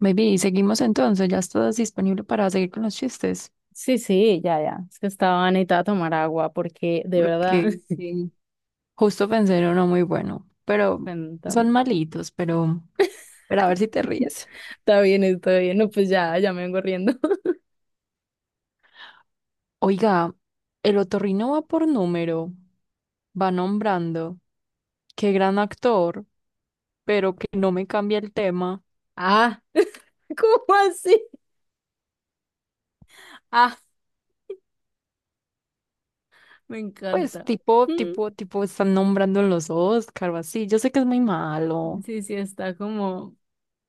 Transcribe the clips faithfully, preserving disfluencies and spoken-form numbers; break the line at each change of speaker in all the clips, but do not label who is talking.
Baby, y seguimos entonces, ya estás disponible para seguir con los chistes,
Sí, sí, ya, ya. Es que estaba necesitada tomar agua porque de verdad,
porque eh, justo pensé en uno muy bueno, pero
bueno,
son
también.
malitos, pero, pero a ver si te ríes.
Está bien, está bien. No, pues ya, ya me vengo riendo.
Oiga, el otorrino va por número, va nombrando, qué gran actor, pero que no me cambia el tema.
Ah, ¿cómo así? Ah, me
Pues
encanta.
tipo,
Mm,
tipo, tipo, están nombrando en los Oscar o así, yo sé que es muy malo.
Sí, sí, está como,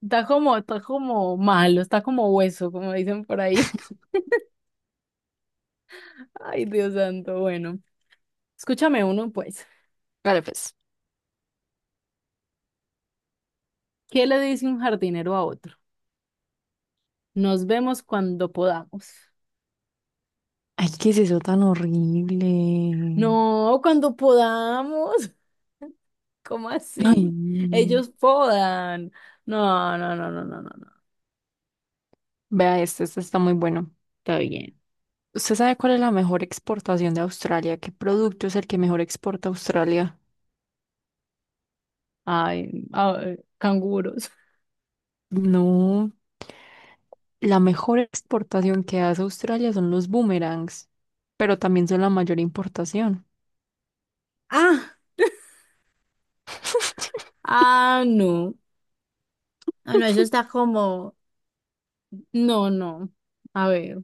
está como, está como malo, está como hueso, como dicen por ahí. Ay, Dios santo, bueno. Escúchame uno, pues.
Vale, pues.
¿Qué le dice un jardinero a otro? Nos vemos cuando podamos.
Ay, ¿qué es eso tan horrible?
No, cuando podamos. ¿Cómo
Ay,
así?
no.
Ellos podan. No, no, no, no, no, no, no.
Vea este, este está muy bueno.
Está bien.
¿Usted sabe cuál es la mejor exportación de Australia? ¿Qué producto es el que mejor exporta Australia?
Ay, ay, canguros.
No, la mejor exportación que hace Australia son los boomerangs, pero también son la mayor importación.
Ah, ah, no. Ah, no, eso está como. No, no. A ver.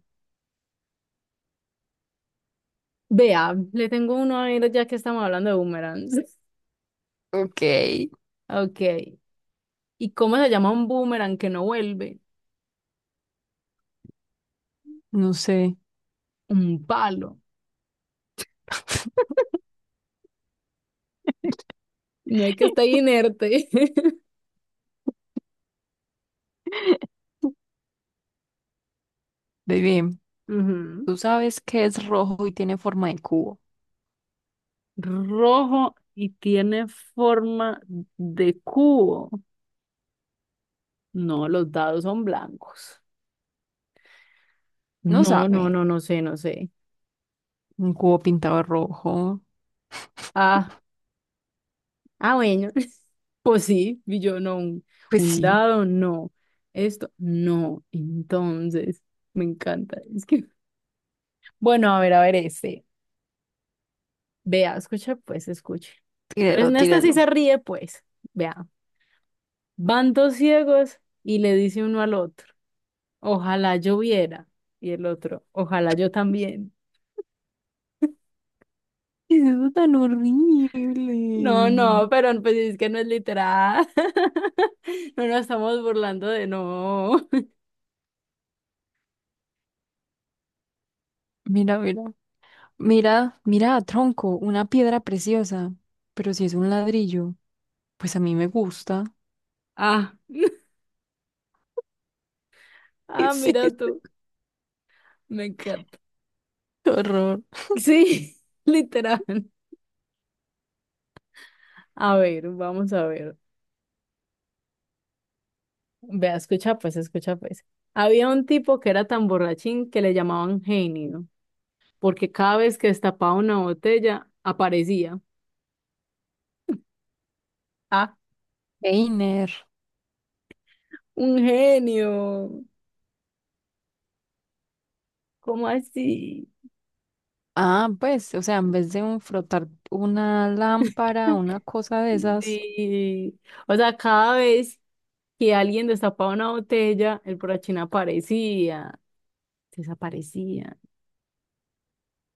Vea, le tengo uno a ver ya que estamos hablando de boomerangs.
Ok.
Ok. ¿Y cómo se llama un boomerang que no vuelve?
No sé.
Un palo. No hay que estar inerte.
Ve bien,
Ujú.
¿tú sabes qué es rojo y tiene forma de cubo?
Rojo y tiene forma de cubo. No, los dados son blancos.
No
No, no,
sabe.
no, no sé, no sé.
Un cubo pintado de rojo.
Ah, ah, bueno. Pues sí, y yo no, un,
Pues
un
sí,
dado, no. Esto, no. Entonces, me encanta. Es que, bueno, a ver, a ver, este. Vea, escucha, pues, escuche. Pero
tírelo,
en esta sí
tírelo.
se ríe, pues. Vea, van dos ciegos y le dice uno al otro, ojalá yo viera. Y el otro, ojalá yo también.
Eso es tan
No, no,
horrible.
pero pues es que no es literal. No nos estamos burlando de no.
Mira, mira. Mira, mira, tronco, una piedra preciosa, pero si es un ladrillo, pues a mí me gusta.
Ah,
¿Qué
ah,
es
mira
esto?
tú. Me encanta.
Qué horror.
Sí, literal. A ver, vamos a ver. Vea, escucha pues, escucha pues. Había un tipo que era tan borrachín que le llamaban genio, porque cada vez que destapaba una botella aparecía. Ah,
Einer.
un genio. ¿Cómo así?
Ah, pues, o sea, en vez de un frotar una lámpara, una cosa de esas,
Sí. O sea, cada vez que alguien destapaba una botella, el borrachín aparecía, desaparecía.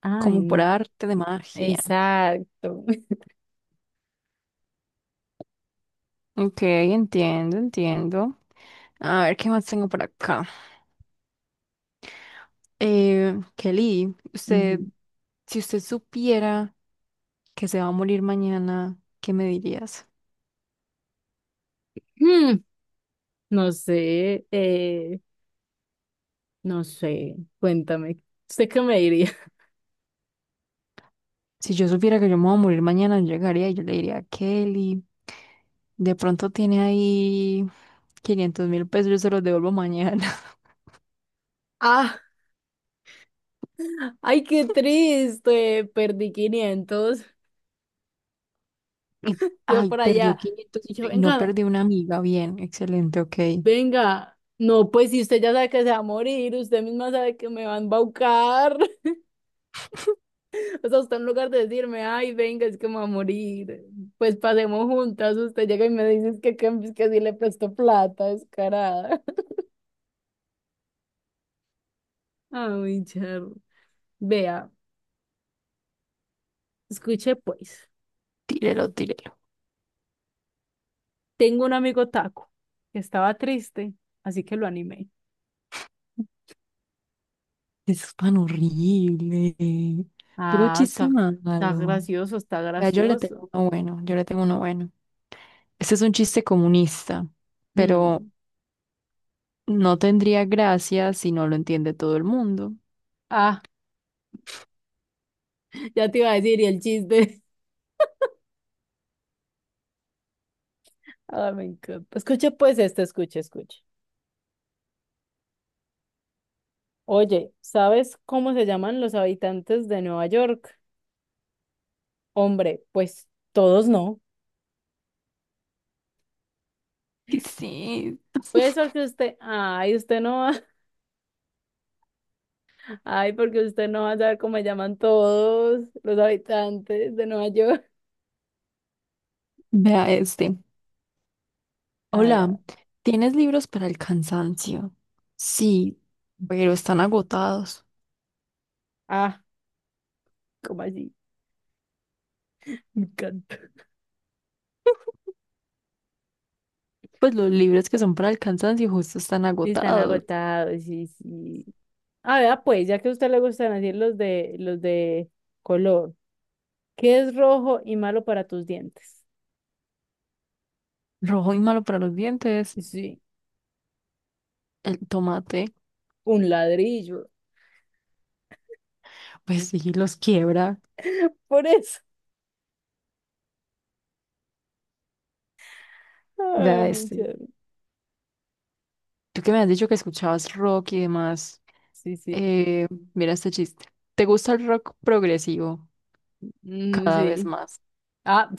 Ay,
como por
no.
arte de magia.
Exacto.
Ok, entiendo, entiendo. A ver, ¿qué más tengo por acá? Eh, Kelly, usted,
Ujú.
si usted supiera que se va a morir mañana, ¿qué me dirías?
Hmm, no sé, eh, no sé, cuéntame, ¿usted qué me diría?
Si yo supiera que yo me voy a morir mañana, yo llegaría y yo le diría a Kelly, de pronto tiene ahí quinientos mil pesos, yo se los devuelvo mañana.
Ah, ay, qué triste, perdí quinientos
Y,
yo
Ay,
por allá,
perdió quinientos
y
y
yo,
y no
venga,
perdió una amiga. Bien, excelente, ok.
venga, no, pues si usted ya sabe que se va a morir, usted misma sabe que me va a embaucar. O sea, usted en lugar de decirme, ay, venga, es que me voy a morir, pues pasemos juntas, usted llega y me dice que, que, que sí le presto plata, descarada. Ay, Charo. Vea, escuche pues,
Tírelo, tírelo.
tengo un amigo taco que estaba triste, así que lo animé.
Eso es tan horrible. Puro
Ah,
chiste
está, está
malo.
gracioso, está
Vea, yo le
gracioso.
tengo uno bueno, yo le tengo uno bueno. Este es un chiste comunista, pero
Hmm.
no tendría gracia si no lo entiende todo el mundo.
Ah, ya te iba a decir, y el chiste. Ah, me encanta. Escuche pues este, escuche, escuche. Oye, ¿sabes cómo se llaman los habitantes de Nueva York? Hombre, pues todos no.
¿Qué es
Pues porque usted, ay, usted no va, ay, porque usted no va a saber cómo me llaman todos los habitantes de Nueva York.
Vea este.
A ver, a
Hola,
ver.
¿tienes libros para el cansancio? Sí, pero están agotados.
Ah, ¿cómo así? Me encanta.
Pues los libros que son para el cansancio justo están
Están
agotados.
agotados, sí, sí. A ver, pues, ya que a usted le gustan así los de, los de color, ¿qué es rojo y malo para tus dientes?
Rojo y malo para los dientes.
Sí,
El tomate,
un ladrillo.
pues sí, los quiebra.
Por eso. Ay,
Vea
muy
este.
chévere.
Tú que me has dicho que escuchabas rock y demás.
Sí, sí.
Eh, mira este chiste. ¿Te gusta el rock progresivo?
Mm,
Cada vez
sí.
más.
Ah,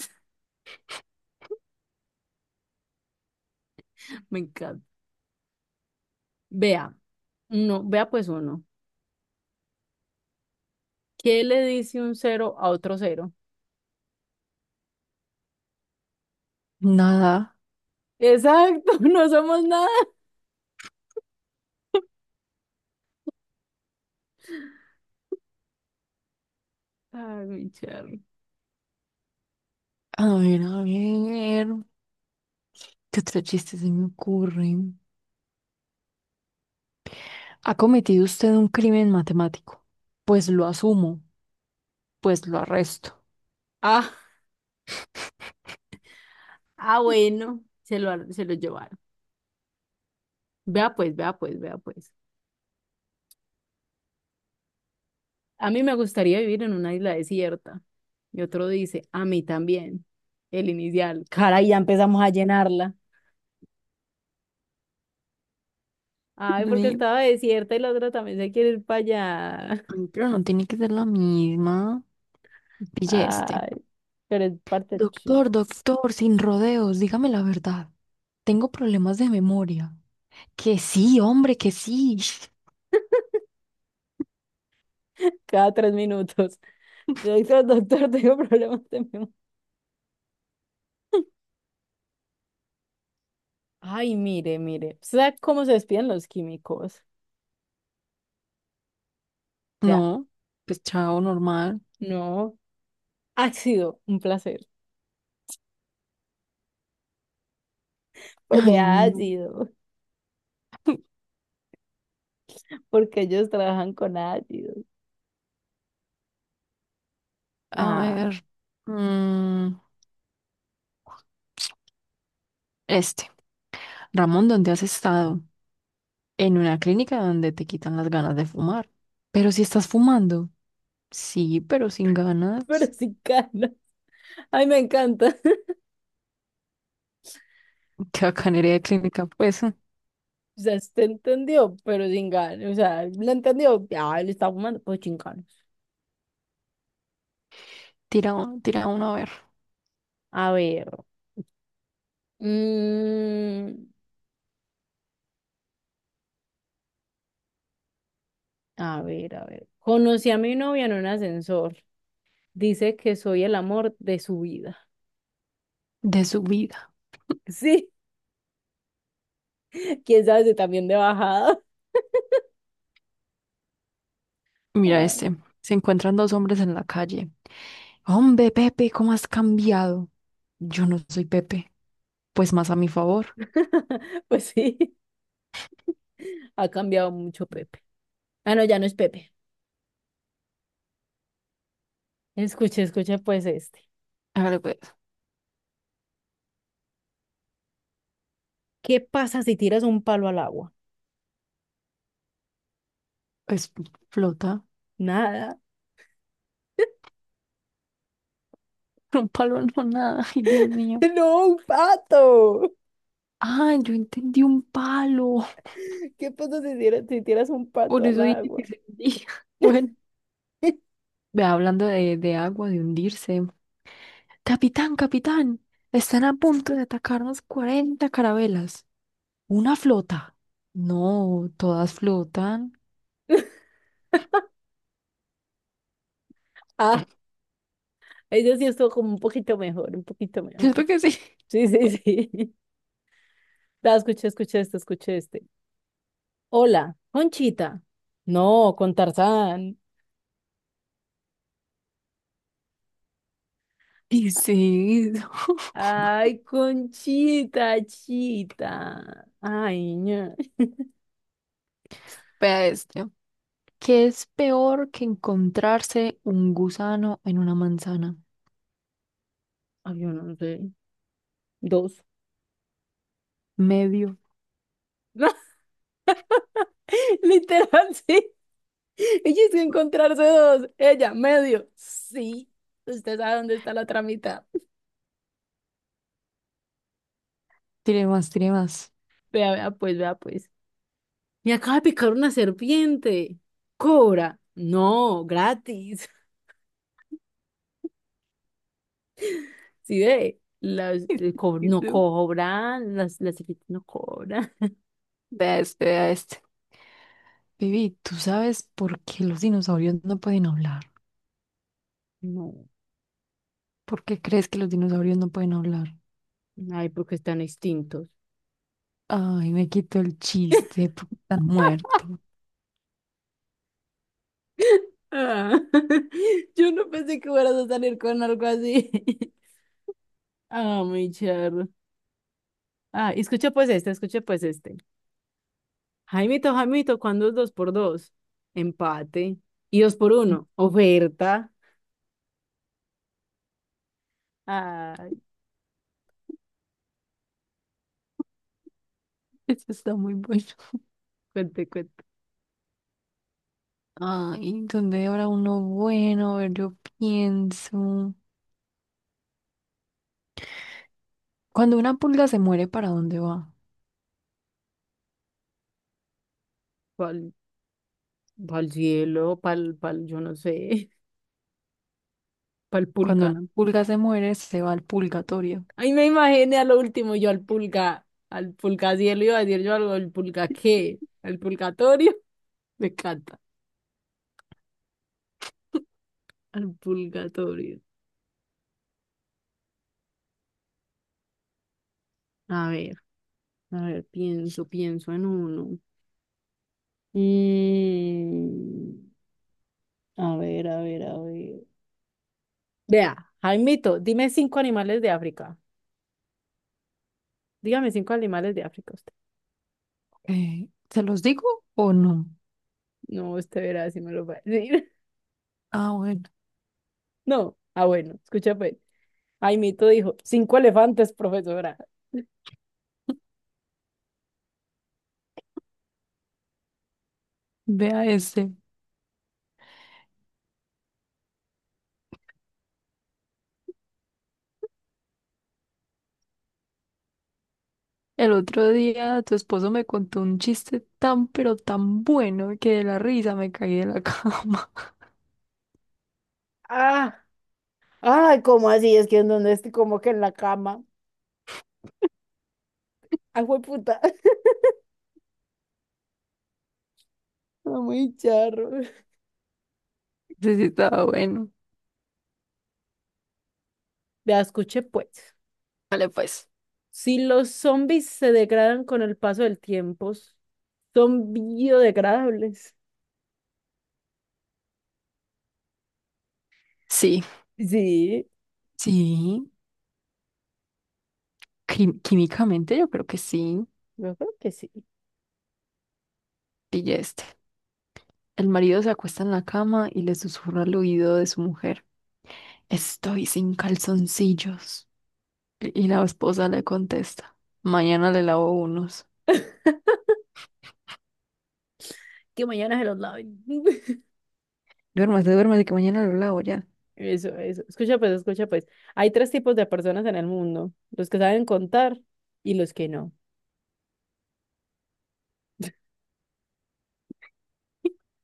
me encanta. Vea. No, vea pues uno. ¿Qué le dice un cero a otro cero?
Nada.
Exacto, no somos nada. Ay, mi charro.
A ver, a ver. ¿Qué otro chiste se me ocurre? ¿Ha cometido usted un crimen matemático? Pues lo asumo, pues lo arresto.
Ah, ah, bueno, se lo, se lo llevaron. Vea pues, vea pues, vea pues. A mí me gustaría vivir en una isla desierta. Y otro dice, a mí también. El inicial. Caray, ya empezamos a llenarla. Ay, porque
Ve,
estaba desierta y la otra también se quiere ir para allá.
pero no tiene que ser la misma. Pille este.
Ay, pero es parte del
Doctor,
chiste.
doctor, sin rodeos, dígame la verdad. Tengo problemas de memoria. Que sí, hombre, que sí.
Cada tres minutos. Doctor, doctor, tengo problemas de memoria. Ay, mire, mire. ¿Sabe cómo se despiden los químicos? Ya,
No, pues chao, normal.
no. Ácido, un placer. Pues
Ay,
de
no.
ácido, porque ellos trabajan con ácido.
A
Ah,
ver. mm, este. Ramón, ¿dónde has estado? En una clínica donde te quitan las ganas de fumar. Pero si estás fumando. Sí, pero sin
pero
ganas.
sin gana. Ay, me encanta.
Qué bacanería de clínica, pues.
O sea, usted entendió, pero sin gana. O sea, lo entendió. Ah, él está fumando, pues chingados.
Tira, un- tira uno a ver.
A ver. mm, a ver, a ver. Conocí a mi novia en un ascensor. Dice que soy el amor de su vida.
De su vida.
Sí, quién sabe si también de bajada.
Mira este. Se encuentran dos hombres en la calle. Hombre, Pepe, ¿cómo has cambiado? Yo no soy Pepe. Pues más a mi favor.
Pues sí, ha cambiado mucho Pepe. Ah, no, ya no es Pepe. Escuche, escuche pues este.
Hágale pues.
¿Qué pasa si tiras un palo al agua?
Es flota.
Nada.
Un palo no nada. Ay, Dios mío.
No, un pato.
Ah, yo entendí un palo.
¿Qué pasa si tiras, si tiras un pato
Por
al
eso dije que
agua?
se hundía. Bueno, ve hablando de, de agua, de hundirse. Capitán, capitán, están a punto de atacarnos cuarenta carabelas. ¿Una flota? No, todas flotan.
Ah, ella sí estuvo como un poquito mejor, un poquito mejor.
¿Cierto que sí?
Sí, sí, sí. Da, escuché, escuché este, escuché este. Hola, Conchita. No, con Tarzán.
Y sí,
Ay, Conchita, chita. Ay, ña.
vea este. ¿Qué es peor que encontrarse un gusano en una manzana?
Ay, yo no sé. Dos.
Medio.
Literal, sí. Ella es que encontrarse dos. Ella, medio. Sí. Usted sabe dónde está la otra mitad.
Tiene más, tiene más.
Vea, vea, pues, vea, pues. Me acaba de picar una serpiente. Cobra. No, gratis. Sí, ve. Las, el co- no cobran. Las, las serpientes no cobran.
Vea este, vea este. Vivi, ¿tú sabes por qué los dinosaurios no pueden hablar?
No.
¿Por qué crees que los dinosaurios no pueden hablar?
Ay, porque están extintos.
Ay, me quitó el chiste porque están muerto.
Ah, yo no pensé que fueras a salir con algo así. Ah, mi charro. Ah, y escucha pues este, escucha pues este. Jaimito, Jaimito, ¿cuándo es dos por dos? Empate. Y dos por uno, oferta. Ay,
Eso está muy bueno.
cuente, cuente.
Ay, ¿dónde habrá uno bueno? A ver, yo pienso. Cuando una pulga se muere, ¿para dónde va?
Pa'l, pa'l cielo, pa'l, pa'l, yo no sé, pa'l
Cuando
pulga.
una pulga se muere, se va al purgatorio.
Ay, me imaginé a lo último yo al pulga, al pulga cielo, iba a decir yo algo, ¿al pulga qué? ¿Al pulgatorio? Me encanta, al pulgatorio. A ver, a ver, pienso, pienso en uno. Mm, a ver, a ver, a ver. Vea, Jaimito, dime cinco animales de África. Dígame cinco animales de África usted.
Eh, ¿se los digo o no?
No, usted verá si me lo va a decir.
Ah, bueno,
No. Ah, bueno, escucha pues. Jaimito dijo, cinco elefantes, profesora.
vea ese. El otro día tu esposo me contó un chiste tan, pero tan bueno que de la risa me caí de la cama.
Ah, ay, ¿cómo así? Es que en donde estoy como que en la cama. Ay, puta. Muy charro.
Ese sí estaba bueno.
Vea, escuche pues.
Vale, pues.
Si los zombies se degradan con el paso del tiempo, son biodegradables.
Sí.
Sí,
Sí. Quim- Químicamente yo creo que sí,
yo creo que sí.
pillaste. El marido se acuesta en la cama y le susurra al oído de su mujer, estoy sin calzoncillos. Y y la esposa le contesta, mañana le lavo unos.
Que mañana se los laven.
Duérmase, duérmase, que mañana lo lavo ya.
Eso, eso. Escucha pues, escucha pues. Hay tres tipos de personas en el mundo, los que saben contar y los que no.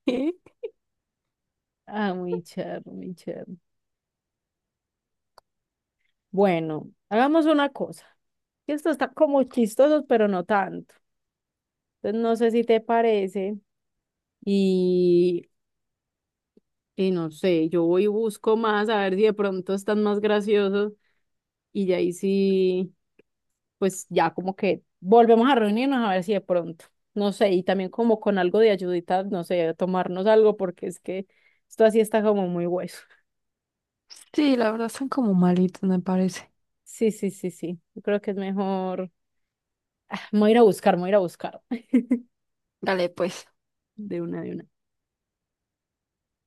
Ah, muy charro, muy charro. Bueno, hagamos una cosa, que esto está como chistoso, pero no tanto. Entonces no sé si te parece y, y no sé, yo voy y busco más a ver si de pronto están más graciosos y ya ahí sí pues ya como que volvemos a reunirnos a ver si de pronto, no sé, y también como con algo de ayudita, no sé, tomarnos algo porque es que esto así está como muy hueso.
Sí, la verdad están como malitos, me parece.
Sí, sí, sí, sí. Yo creo que es mejor. Me voy a ir a buscar, me voy a ir a buscar
Dale, pues.
de una de una.